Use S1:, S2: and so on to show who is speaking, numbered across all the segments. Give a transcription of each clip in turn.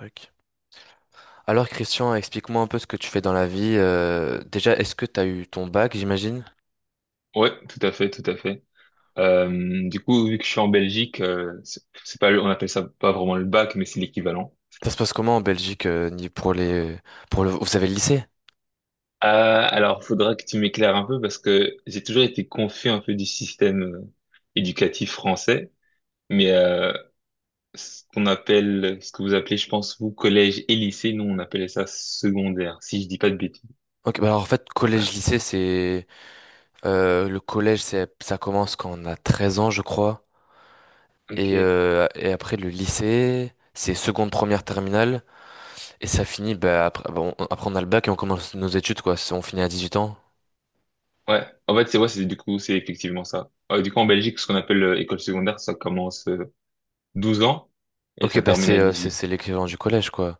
S1: Ok. Alors Christian, explique-moi un peu ce que tu fais dans la vie. Déjà, est-ce que tu as eu ton bac, j'imagine?
S2: Ouais, tout à fait, tout à fait. Du coup, vu que je suis en Belgique, c'est pas, on appelle ça pas vraiment le bac, mais c'est l'équivalent.
S1: Ça se passe comment en Belgique ni pour les pour le vous avez le lycée?
S2: Euh, alors, faudra que tu m'éclaires un peu parce que j'ai toujours été confus un peu du système éducatif français, mais ce qu'on appelle, ce que vous appelez, je pense, vous, collège et lycée, nous, on appelait ça secondaire, si je dis pas de bêtises.
S1: Ok, bah alors en fait
S2: Ouais,
S1: collège lycée c'est le collège c'est ça commence quand on a 13 ans je crois
S2: ok.
S1: et après le lycée c'est seconde première terminale et ça finit bah après bon, après on a le bac et on commence nos études quoi. On finit à 18 ans.
S2: Ouais. En fait, c'est ouais, c'est du coup, c'est effectivement ça. Du coup, en Belgique, ce qu'on appelle école secondaire, ça commence 12 ans et
S1: Ok
S2: ça
S1: bah
S2: termine à
S1: c'est
S2: 18.
S1: l'équivalent du collège quoi.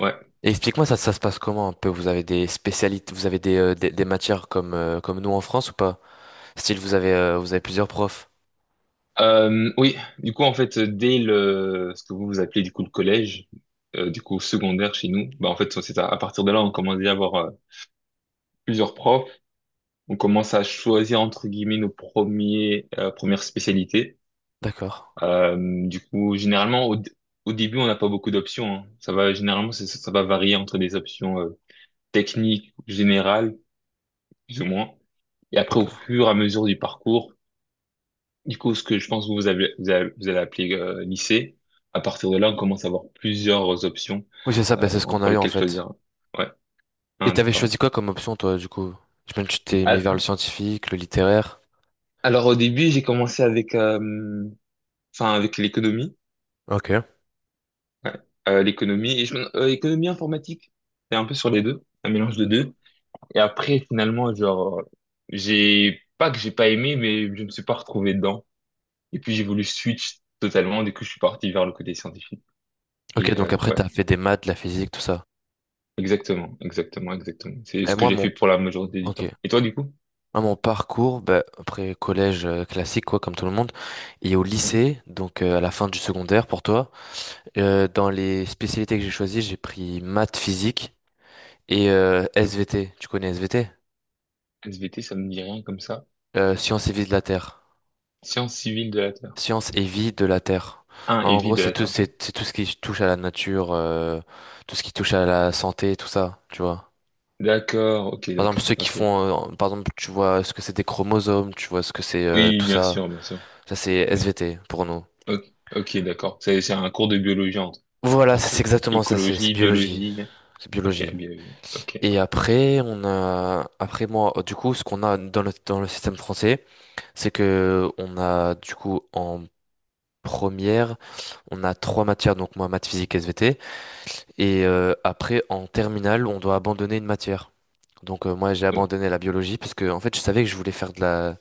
S2: Ouais.
S1: Et explique-moi, ça se passe comment un peu? Vous avez des spécialités, vous avez des matières comme, comme nous en France ou pas? Style, vous avez plusieurs profs.
S2: Oui, du coup, en fait, dès le, ce que vous vous appelez du coup le collège, du coup secondaire chez nous, bah en fait, c'est à partir de là, on commence déjà à avoir plusieurs profs, on commence à choisir entre guillemets nos premiers, premières spécialités.
S1: D'accord,
S2: Euh, du coup, généralement, au, au début, on n'a pas beaucoup d'options, hein. Ça va, généralement, ça va varier entre des options techniques, générales, plus ou moins. Et après, au
S1: d'accord.
S2: fur et à mesure du parcours, du coup, ce que je pense que vous avez, vous allez appeler lycée, à partir de là, on commence à avoir plusieurs options
S1: Oui, c'est ça, bah, c'est ce qu'on
S2: entre
S1: a eu en
S2: lesquelles
S1: fait.
S2: choisir. Ouais,
S1: Et
S2: ah,
S1: t'avais
S2: d'accord, ouais.
S1: choisi quoi comme option, toi, du coup? Je me Tu t'es mis vers le
S2: Al-
S1: scientifique, le littéraire.
S2: Alors au début, j'ai commencé avec, enfin avec l'économie,
S1: Ok.
S2: ouais. L'économie et économie informatique. C'est un peu sur les deux, un mélange de deux. Et après, finalement, genre, j'ai pas que j'ai pas aimé, mais je me suis pas retrouvé dedans. Et puis j'ai voulu switch totalement. Du coup, je suis parti vers le côté scientifique. Et
S1: Ok, donc après,
S2: ouais.
S1: t'as fait des maths, de la physique, tout ça.
S2: Exactement, exactement, exactement. C'est
S1: Mais
S2: ce que
S1: moi,
S2: j'ai
S1: mon,
S2: fait pour la majorité du
S1: ok.
S2: temps. Et toi, du coup?
S1: Moi, mon parcours, bah, après collège classique, quoi, comme tout le monde, et au
S2: Ouais.
S1: lycée, à la fin du secondaire pour toi, dans les spécialités que j'ai choisies, j'ai pris maths, physique. Et SVT, tu connais SVT?
S2: SVT, ça me dit rien comme ça.
S1: Science et vie de la Terre.
S2: Sciences civiles de la Terre.
S1: Science et vie de la Terre.
S2: Ah, et
S1: En
S2: vie
S1: gros,
S2: de
S1: c'est
S2: la
S1: tout,
S2: Terre, ok.
S1: c'est tout ce qui touche à la nature, tout ce qui touche à la santé, tout ça, tu vois.
S2: D'accord, ok,
S1: Par exemple, ceux
S2: d'accord,
S1: qui
S2: ok.
S1: font, par exemple, tu vois ce que c'est des chromosomes, tu vois ce que c'est
S2: Oui,
S1: tout
S2: bien
S1: ça.
S2: sûr, bien sûr.
S1: Ça, c'est
S2: Oui.
S1: SVT pour nous.
S2: Ok, ok, d'accord. C'est un cours de biologie, entre,
S1: Voilà, c'est
S2: entre autres.
S1: exactement ça, c'est
S2: Écologie,
S1: biologie,
S2: biologie.
S1: c'est
S2: Ok,
S1: biologie.
S2: biologie. Ok.
S1: Et après, on a, après moi, du coup, ce qu'on a dans le système français, c'est que on a du coup en première, on a trois matières, donc moi, maths, physique, SVT. Et après, en terminale, on doit abandonner une matière. Moi, j'ai
S2: O-
S1: abandonné la biologie parce que, en fait, je savais que je voulais faire de la...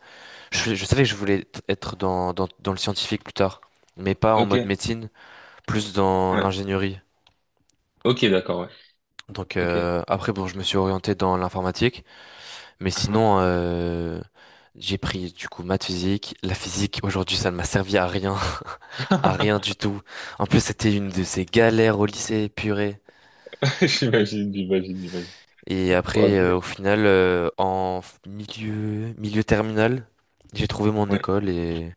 S1: Je savais que je voulais être dans le scientifique plus tard, mais pas en mode
S2: Ok,
S1: médecine, plus dans
S2: ouais.
S1: l'ingénierie.
S2: Ok, d'accord, ouais. Ok.
S1: Après, bon, je me suis orienté dans l'informatique. Mais
S2: Ah,
S1: sinon, j'ai pris du coup maths physique. La physique, aujourd'hui, ça ne m'a servi à rien, à rien
S2: ah.
S1: du tout. En plus, c'était une de ces galères au lycée, purée.
S2: J'imagine, j'imagine, j'imagine.
S1: Et après,
S2: Ok,
S1: au final, milieu, milieu terminal, j'ai trouvé mon
S2: ouais.
S1: école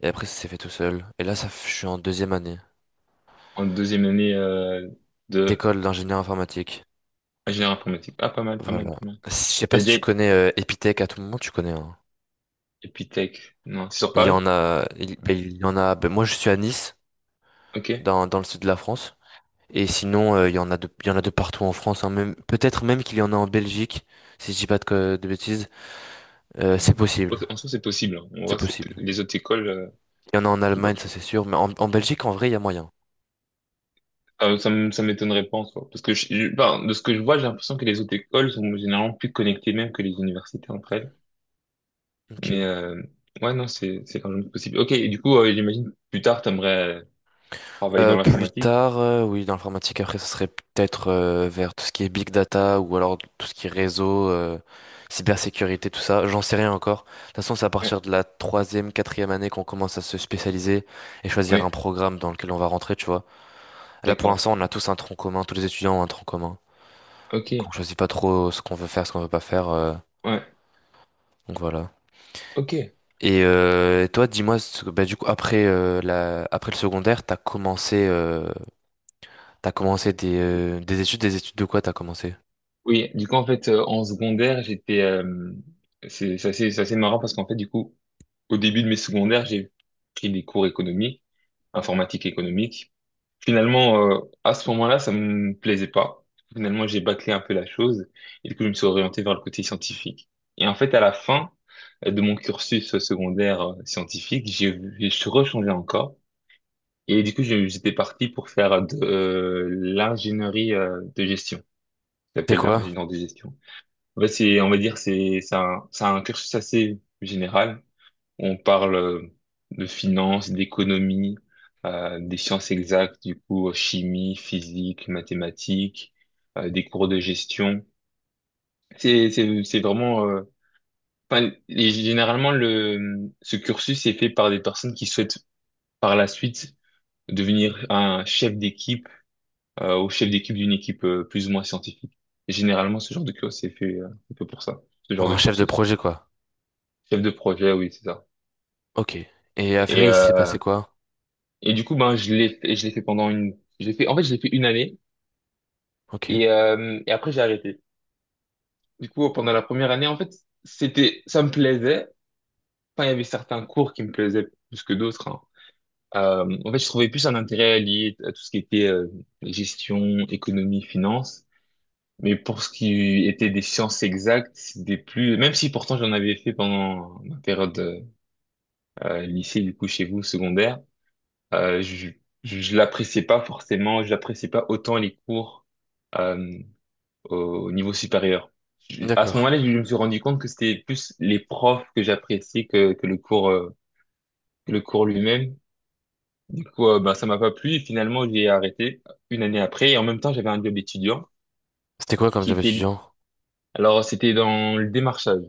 S1: et après, ça s'est fait tout seul. Et là, je suis en deuxième année
S2: En deuxième année de...
S1: d'école d'ingénieur informatique.
S2: Ingénieur informatique. Ah, pas mal, pas mal, pas
S1: Voilà.
S2: mal.
S1: Je sais pas
S2: T'as
S1: si tu
S2: dit
S1: connais Epitech à tout moment, tu connais, hein.
S2: Epitech. Non, c'est sur Paris?
S1: Il y en a. Ben, moi, je suis à Nice,
S2: Ok.
S1: dans le sud de la France. Et sinon, il y en a de partout en France, hein, même, peut-être même qu'il y en a en Belgique, si je dis pas de, de bêtises. C'est
S2: C'est-
S1: possible,
S2: En soi, c'est possible, hein. On
S1: c'est
S2: voit,
S1: possible.
S2: les autres écoles,
S1: Il y en a en
S2: sont pas-
S1: Allemagne, ça c'est sûr, mais en Belgique, en vrai, il y a moyen.
S2: ah, ça, ça m'étonnerait pas en soi. Parce que enfin, de ce que je vois, j'ai l'impression que les autres écoles sont généralement plus connectées même que les universités entre elles.
S1: Ok.
S2: Mais ouais, non, c'est largement possible. Ok, et du coup, j'imagine plus tard, t'aimerais euh, travailler dans
S1: Plus
S2: l'informatique.
S1: tard, oui, dans l'informatique, après, ça serait peut-être vers tout ce qui est big data ou alors tout ce qui est réseau, cybersécurité, tout ça. J'en sais rien encore. De toute façon, c'est à
S2: Ouais,
S1: partir de la troisième, quatrième année qu'on commence à se spécialiser et choisir un
S2: ouais,
S1: programme dans lequel on va rentrer, tu vois. Là, pour
S2: d'accord.
S1: l'instant, on a tous un tronc commun, tous les étudiants ont un tronc commun.
S2: Ok,
S1: Qu'on choisit pas trop ce qu'on veut faire, ce qu'on veut pas faire.
S2: ouais,
S1: Donc voilà.
S2: ok.
S1: Et toi, dis-moi, bah, du coup, après, après le secondaire, t'as commencé des études de quoi t'as commencé?
S2: Oui, du coup, en fait, en secondaire, j'étais, c'est assez, c'est assez marrant parce qu'en fait, du coup, au début de mes secondaires, j'ai pris des cours économiques, informatique économique. Finalement, à ce moment-là, ça me plaisait pas. Finalement, j'ai bâclé un peu la chose et du coup, je me suis orienté vers le côté scientifique. Et en fait, à la fin de mon cursus secondaire scientifique, je suis rechangé encore. Et du coup, j'étais parti pour faire de l'ingénierie de gestion. Ça
S1: C'est
S2: s'appelle
S1: quoi?
S2: ingénieur de gestion. En fait, c'est, on va dire, c'est un cursus assez général. On parle de finance, d'économie, des sciences exactes, du coup, chimie, physique, mathématiques, des cours de gestion. C'est vraiment, enfin, et généralement, le, ce cursus est fait par des personnes qui souhaitent par la suite devenir un chef d'équipe, ou chef d'équipe d'une équipe plus ou moins scientifique. Et généralement, ce genre de cursus est fait pour ça, ce genre de
S1: Un chef de
S2: cursus.
S1: projet, quoi.
S2: Chef de projet, oui, c'est ça.
S1: Ok. Et à
S2: Et,
S1: Ferry, il s'est
S2: euh,
S1: passé quoi?
S2: et du coup, ben, je l'ai fait j'ai fait, en fait, je l'ai fait une année
S1: Ok.
S2: et après, j'ai arrêté. Du coup, pendant la première année, en fait, ça me plaisait. Enfin, il y avait certains cours qui me plaisaient plus que d'autres, hein. En fait, je trouvais plus un intérêt lié à tout ce qui était gestion, économie, finance. Mais pour ce qui était des sciences exactes, c'était plus, même si pourtant j'en avais fait pendant ma période lycée, du coup, chez vous, secondaire. Euh, je je l'appréciais pas forcément, je l'appréciais pas autant les cours euh, au niveau supérieur. À ce
S1: D'accord.
S2: moment-là, je me suis rendu compte que c'était plus les profs que j'appréciais que le cours que le cours lui-même. Du coup, ben, ça m'a pas plu et finalement j'ai arrêté une année après. Et en même temps, j'avais un job étudiant
S1: C'était quoi comme
S2: qui
S1: job
S2: était
S1: étudiant?
S2: alors c'était dans le démarchage,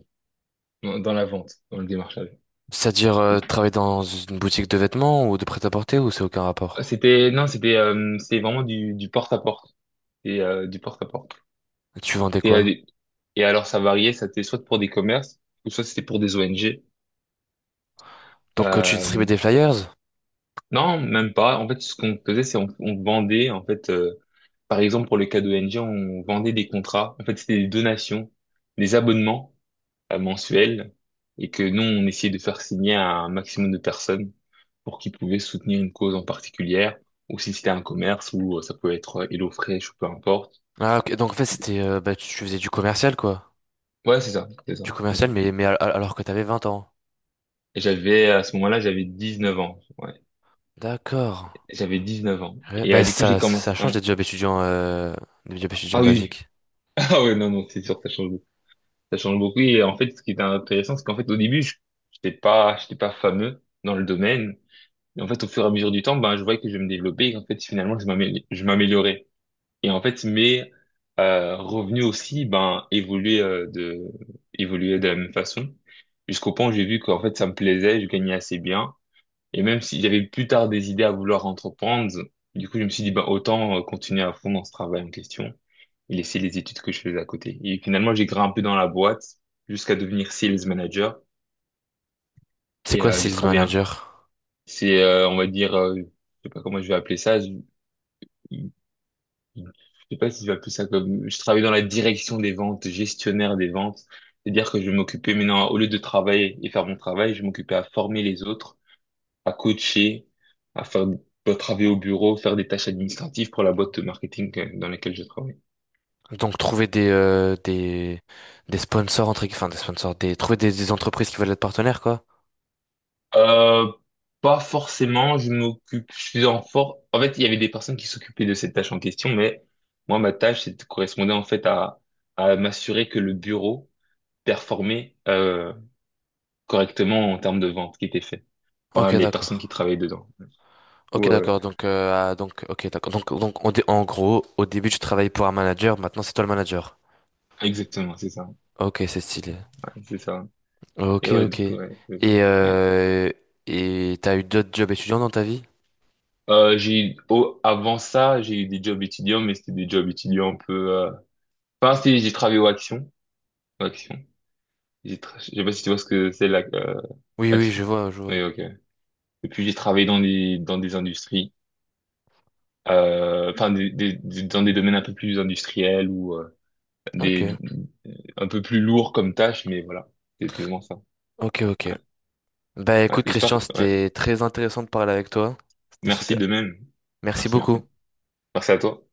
S2: dans la vente, dans le démarchage.
S1: C'est-à-dire, travailler dans une boutique de vêtements ou de prêt-à-porter ou c'est aucun rapport?
S2: C'était non, c'était vraiment du porte à porte, et du porte à porte.
S1: Tu vendais
S2: Et,
S1: quoi?
S2: allez- et alors, ça variait, ça était soit pour des commerces, ou soit c'était pour des ONG.
S1: Donc, tu distribuais
S2: Euh,
S1: des flyers?
S2: non, même pas. En fait, ce qu'on faisait, c'est on vendait, en fait, par exemple, pour le cas d'ONG, on vendait des contrats. En fait, c'était des donations, des abonnements mensuels, et que nous, on essayait de faire signer à un maximum de personnes pour qu'ils pouvaient soutenir une cause en particulière, ou si c'était un commerce, ou ça pouvait être HelloFresh, ou peu importe.
S1: Ah, ok. Donc, en fait, c'était, bah, tu faisais du commercial, quoi.
S2: Ouais, c'est ça, c'est ça,
S1: Du
S2: c'est ça.
S1: commercial, mais alors que t'avais 20 ans.
S2: Et j'avais, à ce moment-là, j'avais 19 ans. Ouais.
S1: D'accord.
S2: J'avais 19 ans.
S1: Ouais,
S2: Et
S1: bah
S2: du coup, j'ai
S1: ça, ça
S2: commencé...
S1: change
S2: ouais.
S1: des jobs étudiants
S2: Ah oui.
S1: basiques.
S2: Ah ouais, non, non, c'est sûr, ça change beaucoup. Ça change beaucoup. Et en fait, ce qui était intéressant, c'est qu'en fait, au début, je n'étais pas, j'étais pas fameux dans le domaine. Et en fait, au fur et à mesure du temps, ben, je voyais que je me développais. Et en fait, finalement, je m'améliorais. Et en fait, mes revenus aussi, ben, évoluaient de la même façon. Jusqu'au point où j'ai vu qu'en fait, ça me plaisait, je gagnais assez bien. Et même si j'avais plus tard des idées à vouloir entreprendre, du coup, je me suis dit, bah, autant continuer à fond dans ce travail en question et laisser les études que je faisais à côté. Et finalement, j'ai grimpé dans la boîte jusqu'à devenir sales manager
S1: C'est
S2: et
S1: quoi
S2: j'ai
S1: sales
S2: travaillé.
S1: manager?
S2: C'est, on va dire, je sais pas comment je vais appeler ça. Je sais pas si je vais appeler ça comme, je travaillais dans la direction des ventes, gestionnaire des ventes. C'est-à-dire que je m'occupais maintenant, au lieu de travailler et faire mon travail, je m'occupais à former les autres à coacher, à faire à travailler au bureau, faire des tâches administratives pour la boîte de marketing dans laquelle je travaille.
S1: Donc trouver des sponsors, entre, enfin des sponsors, des, trouver des entreprises qui veulent être partenaires, quoi.
S2: Euh, Pas forcément, je m'occupe, je suis en fort. En fait, il y avait des personnes qui s'occupaient de cette tâche en question, mais moi, ma tâche, c'était correspondait en fait à m'assurer que le bureau performait correctement en termes de vente qui était fait par
S1: Ok,
S2: les personnes
S1: d'accord.
S2: qui travaillaient dedans. Ou,
S1: Ok,
S2: euh,
S1: d'accord. Donc, ah, donc, ok, d'accord. Donc, en gros, au début, tu travaillais pour un manager, maintenant c'est toi le manager.
S2: Exactement, c'est ça.
S1: Ok, c'est stylé.
S2: Ouais, c'est ça. Et
S1: Ok,
S2: ouais,
S1: ok.
S2: du coup, ouais, c'est ça. Ouais.
S1: Euh, et t'as eu d'autres jobs étudiants dans ta vie?
S2: Avant ça, j'ai eu des jobs étudiants, mais c'était des jobs étudiants un peu. Enfin, j'ai travaillé au Action. Au Action. Je sais pas si tu vois ce que c'est la
S1: Oui, oui,
S2: Action.
S1: je vois, je
S2: Oui,
S1: vois.
S2: ok. Et puis j'ai travaillé dans des industries, enfin dans des domaines un peu plus industriels ou
S1: Ok.
S2: des un peu plus lourds comme tâches, mais voilà, c'est exactement ça.
S1: Ok, ok. Bah
S2: Ouais,
S1: écoute,
S2: j'espère.
S1: Christian,
S2: Ouais.
S1: c'était très intéressant de parler avec toi. C'était
S2: Merci
S1: super.
S2: de même.
S1: Merci
S2: Merci, merci.
S1: beaucoup.
S2: Merci à toi.